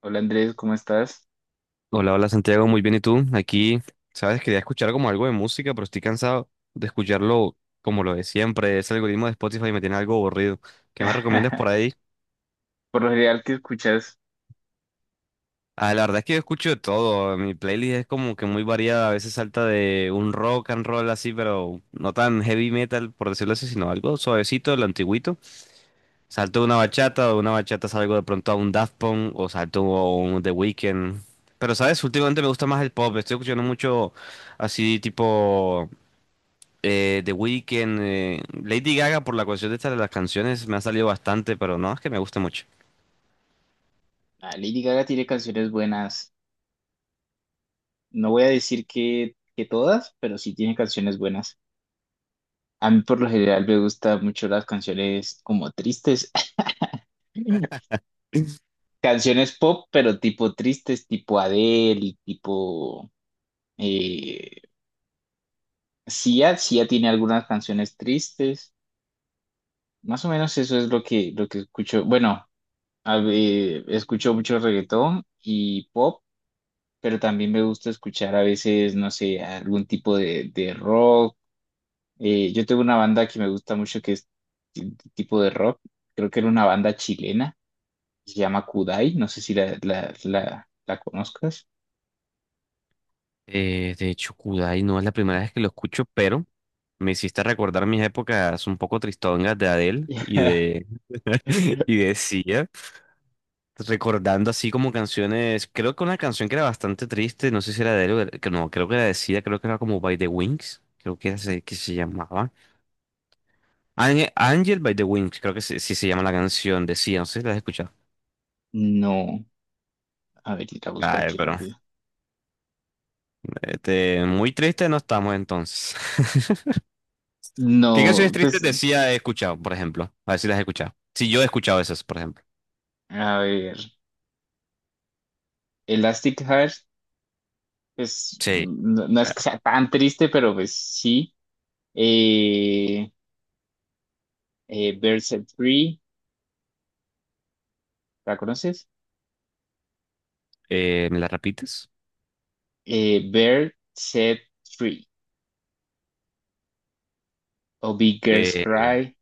Hola Andrés, ¿cómo estás? Hola, hola Santiago, muy bien. ¿Y tú? Aquí, sabes, quería escuchar como algo de música, pero estoy cansado de escucharlo como lo de siempre. Ese algoritmo de Spotify me tiene algo aburrido. ¿Qué me recomiendas por ahí? Por lo general, ¿qué escuchas? Ah, la verdad es que yo escucho de todo. Mi playlist es como que muy variada. A veces salta de un rock and roll así, pero no tan heavy metal, por decirlo así, sino algo suavecito, lo antiguito. Salto de una bachata, salgo de pronto a un Daft Punk o salto a un The Weeknd. Pero, ¿sabes? Últimamente me gusta más el pop. Estoy escuchando mucho así tipo... The Weeknd, Lady Gaga por la cuestión de esta de las canciones me ha salido bastante, pero no, es que me guste mucho. Ah, Lady Gaga tiene canciones buenas. No voy a decir que todas, pero sí tiene canciones buenas. A mí por lo general me gustan mucho las canciones como tristes. Canciones pop, pero tipo tristes, tipo Adele y tipo eh, Sia. Sia tiene algunas canciones tristes. Más o menos eso es lo que escucho. Bueno, a ver, escucho mucho reggaetón y pop, pero también me gusta escuchar a veces, no sé, algún tipo de rock. Yo tengo una banda que me gusta mucho que es t- tipo de rock, creo que era una banda chilena, se llama Kudai, no sé si la conozcas. De hecho, Kudai no es la primera vez que lo escucho, pero me hiciste recordar mis épocas un poco tristongas de Adele y de, y de Sia, recordando así como canciones, creo que una canción que era bastante triste, no sé si era de Adele, que no, creo que era de Sia, creo que era como By the Wings, creo que, que se llamaba. Ángel Angel by the Wings, creo que sí, sí se llama la canción de Sia, no sé si la has escuchado. No, a ver, la busco Ay, aquí pero... rápido. Este, muy triste no estamos entonces. ¿Qué canciones No, tristes pues, decía he escuchado, por ejemplo? A ver si las he escuchado. Si yo he escuchado esas, por ejemplo. a ver, Elastic Heart, pues, Sí, no, no es que claro. sea tan triste, pero pues sí. Eh, eh, Free, ¿la conoces? ¿Me las repites? Eh, Bird, Set Free o Big Girls Eh, Cry,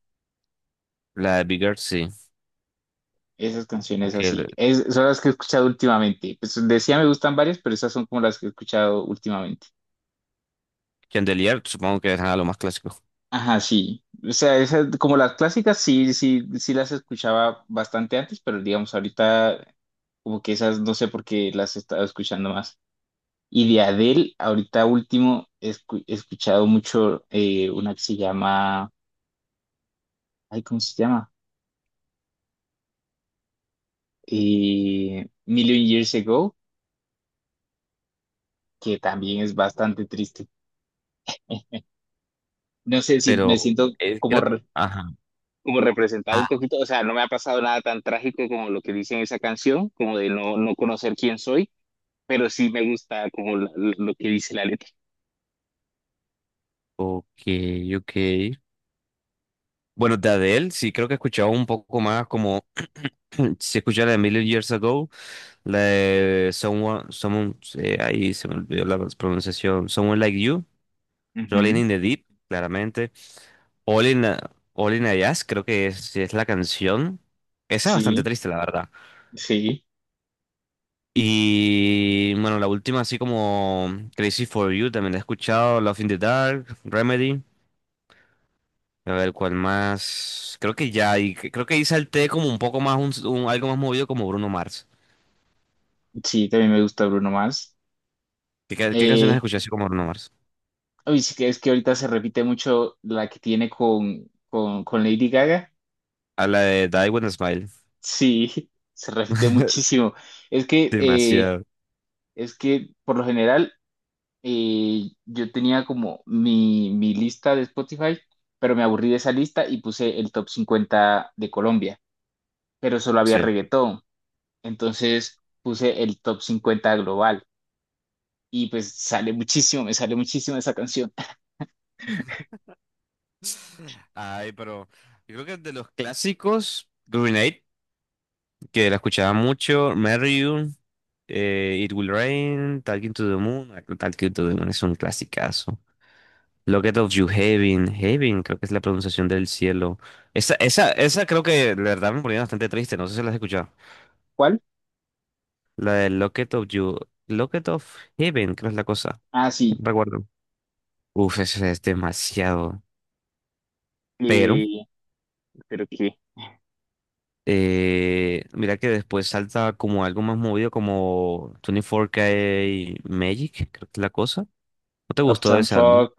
la de Bigger, sí. esas canciones así. Aunque Es, son las que he escuchado últimamente. Pues decía me gustan varias, pero esas son como las que he escuchado últimamente. Chandelier, supongo que es lo más clásico. Ajá, sí. O sea, esas, como las clásicas, sí, sí, sí las escuchaba bastante antes, pero digamos, ahorita como que esas no sé por qué las he estado escuchando más. Y de Adele, ahorita último, he escuchado mucho, una que se llama, ay, ¿cómo se llama? Million Years Ago, que también es bastante triste. No sé si me Pero siento como, creo que... re- Ajá. como representado un Ah, poquito, o sea, no me ha pasado nada tan trágico como lo que dice en esa canción, como de no, no conocer quién soy, pero sí me gusta como lo que dice la letra. ok, ok. Bueno, de Adele, sí, creo que he escuchado un poco más como... Si escuché la de Million Years Ago, la de Someone ahí se me olvidó la pronunciación. Someone Like You. Rolling Ujú. in the Deep, claramente. All in, All in a Jazz, creo que es, sí es la canción. Esa es bastante Sí, triste, la verdad. sí, Y bueno, la última, así como Crazy for You, también la he escuchado. Love in the Dark, Remedy. A ver, ¿cuál más? Creo que ya, creo que ahí salté como un poco más, algo más movido como Bruno Mars. sí, también me gusta Bruno Mars. ¿Qué canciones Eh, escuché así como Bruno Mars? Uy, sí, que es que ahorita se repite mucho la que tiene con Lady Gaga. A la de Die With a Smile. Sí, se repite muchísimo. Es que, eh, Demasiado, es que por lo general, yo tenía como mi lista de Spotify, pero me aburrí de esa lista y puse el top 50 de Colombia, pero solo había sí. reggaetón. Entonces puse el top 50 global y pues sale muchísimo, me sale muchísimo esa canción. Ay, pero yo creo que de los clásicos, Green que la escuchaba mucho, Marry You, It Will Rain, Talking to the Moon, Talking to the Moon es un clasicazo. Locket of You Heaven, Heaven creo que es la pronunciación del cielo. Esa creo que la verdad me ponía bastante triste, no sé si la has escuchado. ¿Cuál? La de Locket of You, Locket of Heaven creo es la cosa, Ah, no sí, recuerdo. Uf, eso es demasiado. Pero, eh, pero que mira que después salta como algo más movido como 24K Magic, creo que es la cosa. ¿No te gustó de Uptown ese álbum? Funk.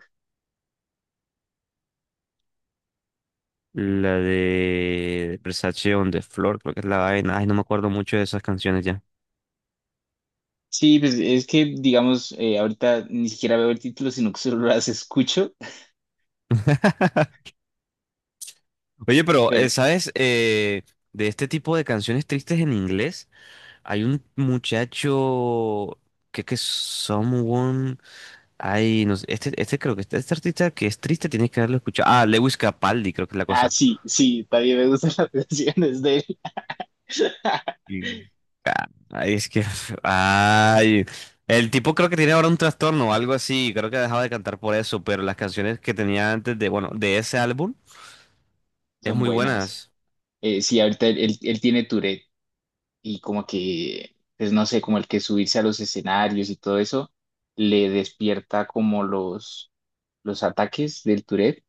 La de Versace on the Floor, creo que es la vaina. Ay, no me acuerdo mucho de esas canciones ya. Sí, pues es que digamos, ahorita ni siquiera veo el título, sino que solo las escucho, Oye, pero, pero... ¿sabes? De este tipo de canciones tristes en inglés, hay un muchacho que es Someone. Ay, no sé. Este creo que este artista que es triste tienes que haberlo escuchado. Ah, Lewis Capaldi, creo que es la Ah, cosa. sí, sí, también me gustan las canciones de él. Y- ah, ay, es que, ay, el tipo creo que tiene ahora un trastorno o algo así, creo que ha dejado de cantar por eso, pero las canciones que tenía antes de, bueno, de ese álbum, es Son muy buenas. buenas. Sí, ahorita él tiene Tourette y como que, pues no sé, como el que subirse a los escenarios y todo eso le despierta como los ataques del Tourette.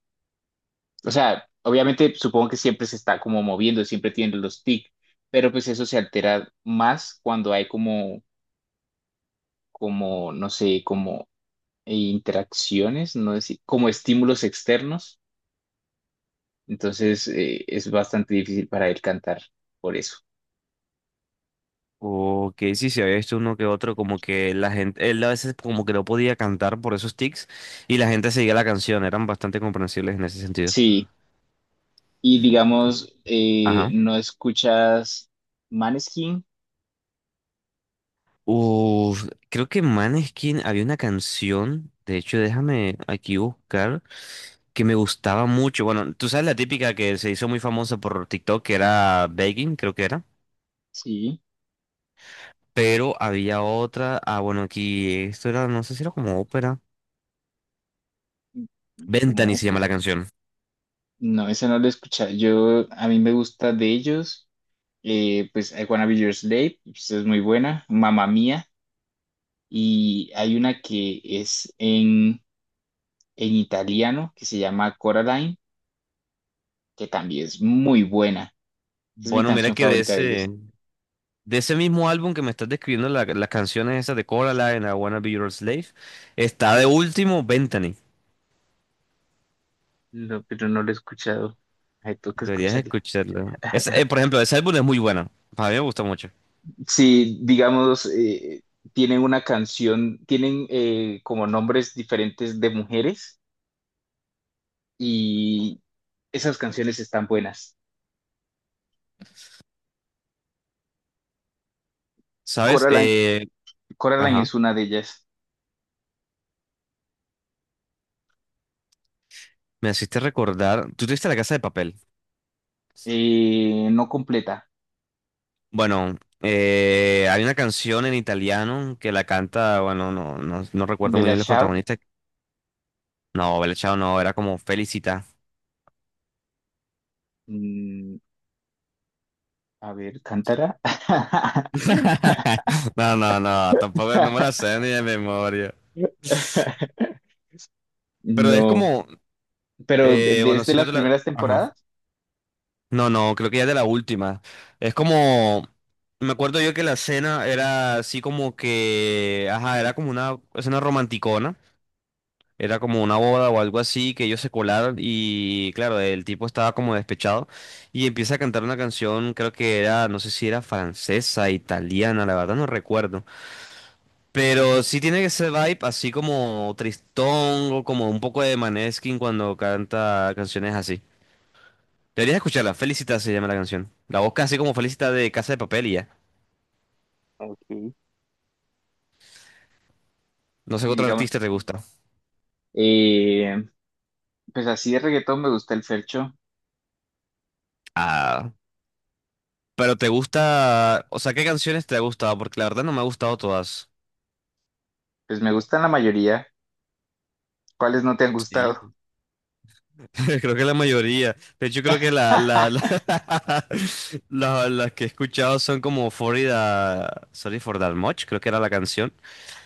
O sea, obviamente supongo que siempre se está como moviendo, siempre tiene los tics, pero pues eso se altera más cuando hay no sé, como interacciones, no sé, como estímulos externos. Entonces es bastante difícil para él cantar por eso. O que sí, se había visto uno que otro, como que la gente, él a veces como que no podía cantar por esos tics y la gente seguía la canción, eran bastante comprensibles en ese sentido. Sí. Y digamos, Ajá. ¿no escuchas Maneskin? Uf, creo que Maneskin había una canción, de hecho, déjame aquí buscar, que me gustaba mucho. Bueno, tú sabes la típica que se hizo muy famosa por TikTok, que era Begging, creo que era. Sí, Pero había otra, ah, bueno, aquí, esto era, no sé si era como ópera. como Ventani se llama ópera. la canción. No, esa no la he escuchado. Yo, a mí me gusta de ellos, pues I Wanna Be Your Slave, pues, es muy buena, Mamma Mía, y hay una que es en italiano que se llama Coraline, que también es muy buena. Es mi Bueno, mira canción que favorita de ellos. de ese mismo álbum que me estás describiendo, las canciones esas de Coraline, I Wanna Be Your Slave, está de último Ventani. No, pero no la he escuchado. Hay que Deberías escucharla. escucharlo. Es, por ejemplo, ese álbum es muy bueno. A mí me gustó mucho. Si, digamos, tienen una canción, tienen como nombres diferentes de mujeres, y esas canciones están buenas. ¿Sabes? Coraline, Coraline Ajá. es una de ellas. Me hiciste recordar. Tú tuviste La Casa de Papel. No completa. Bueno, hay una canción en italiano que la canta. Bueno, no, no, no recuerdo muy Bella bien el Ciao. protagonista. No, Bella Ciao no, era como Felicita. Mm, a ver, Cántara. No, no, no, tampoco no me la sé ni de memoria. Pero es No, como. pero Bueno, desde si no las te la. primeras Ajá. temporadas. No, no, creo que ya es de la última. Es como, me acuerdo yo que la escena era así como que, ajá, era como una escena romanticona, era como una boda o algo así, que ellos se colaron y claro, el tipo estaba como despechado y empieza a cantar una canción, creo que era, no sé si era francesa, italiana, la verdad no recuerdo, pero sí tiene ese vibe así como tristón o como un poco de Maneskin cuando canta canciones así. Deberías escucharla. Felicita se llama la canción. La buscas así como Felicita de Casa de Papel y ya. Ok. No sé qué Y otro digamos, artista te gusta. eh, pues así de reggaetón me gusta el Fercho. Ah, pero te gusta. O sea, ¿qué canciones te ha gustado? Porque la verdad no me ha gustado todas. Pues me gustan la mayoría. ¿Cuáles no te han gustado? Sí. Creo que la mayoría. De hecho, creo que las que he escuchado son como Sorry for That Much, creo que era la canción.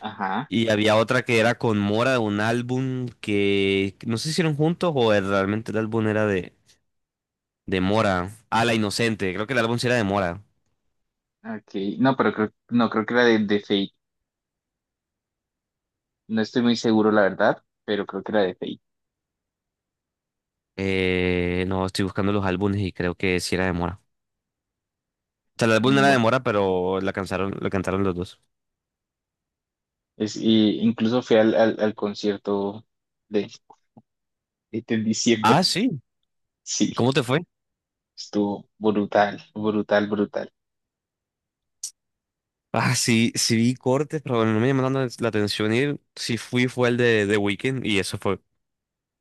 Ajá, Y había otra que era con Mora de un álbum que no sé si hicieron juntos realmente el álbum era de Mora. Ah, La Inocente, creo que el álbum sí era de Mora. ok. No, pero creo, no, creo que era de Fate. No estoy muy seguro, la verdad, pero creo que era de Fate. No, estoy buscando los álbumes y creo que sí era de Mora. O sea, el álbum no Mm, era de bueno, Mora, pero la cantaron los dos. es, y incluso fui al concierto de, este, en diciembre. Ah, sí. ¿Y Sí, cómo te fue? estuvo brutal, brutal, brutal. Ah, sí, sí vi cortes, pero no me llamó tanto la atención ir. Sí fui fue el de The Weeknd y eso fue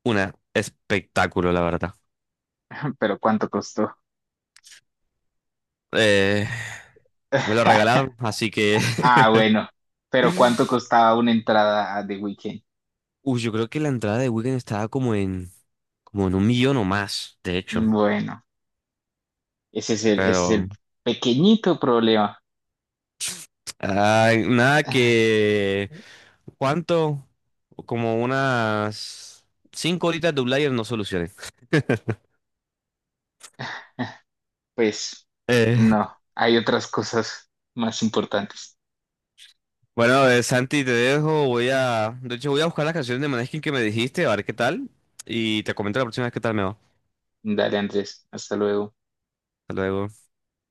un espectáculo, la verdad. Pero ¿cuánto costó? Eh, Me lo regalaron, así que... Ah, bueno, pero ¿cuánto costaba una entrada a The Weeknd? Uy, yo creo que la entrada de Weekend estaba como en 1 millón o más, de hecho. Bueno, ese es el Pero. pequeñito problema. Ay, nada que... ¿Cuánto? Como unas 5 horitas de Outlier no solucioné. Pues Eh, no, hay otras cosas más importantes. bueno, Santi, te dejo. Voy a... De hecho, voy a buscar las canciones de Maneskin que me dijiste, a ver qué tal. Y te comento la próxima vez qué tal me va. Dale, Andrés, hasta luego. Hasta luego.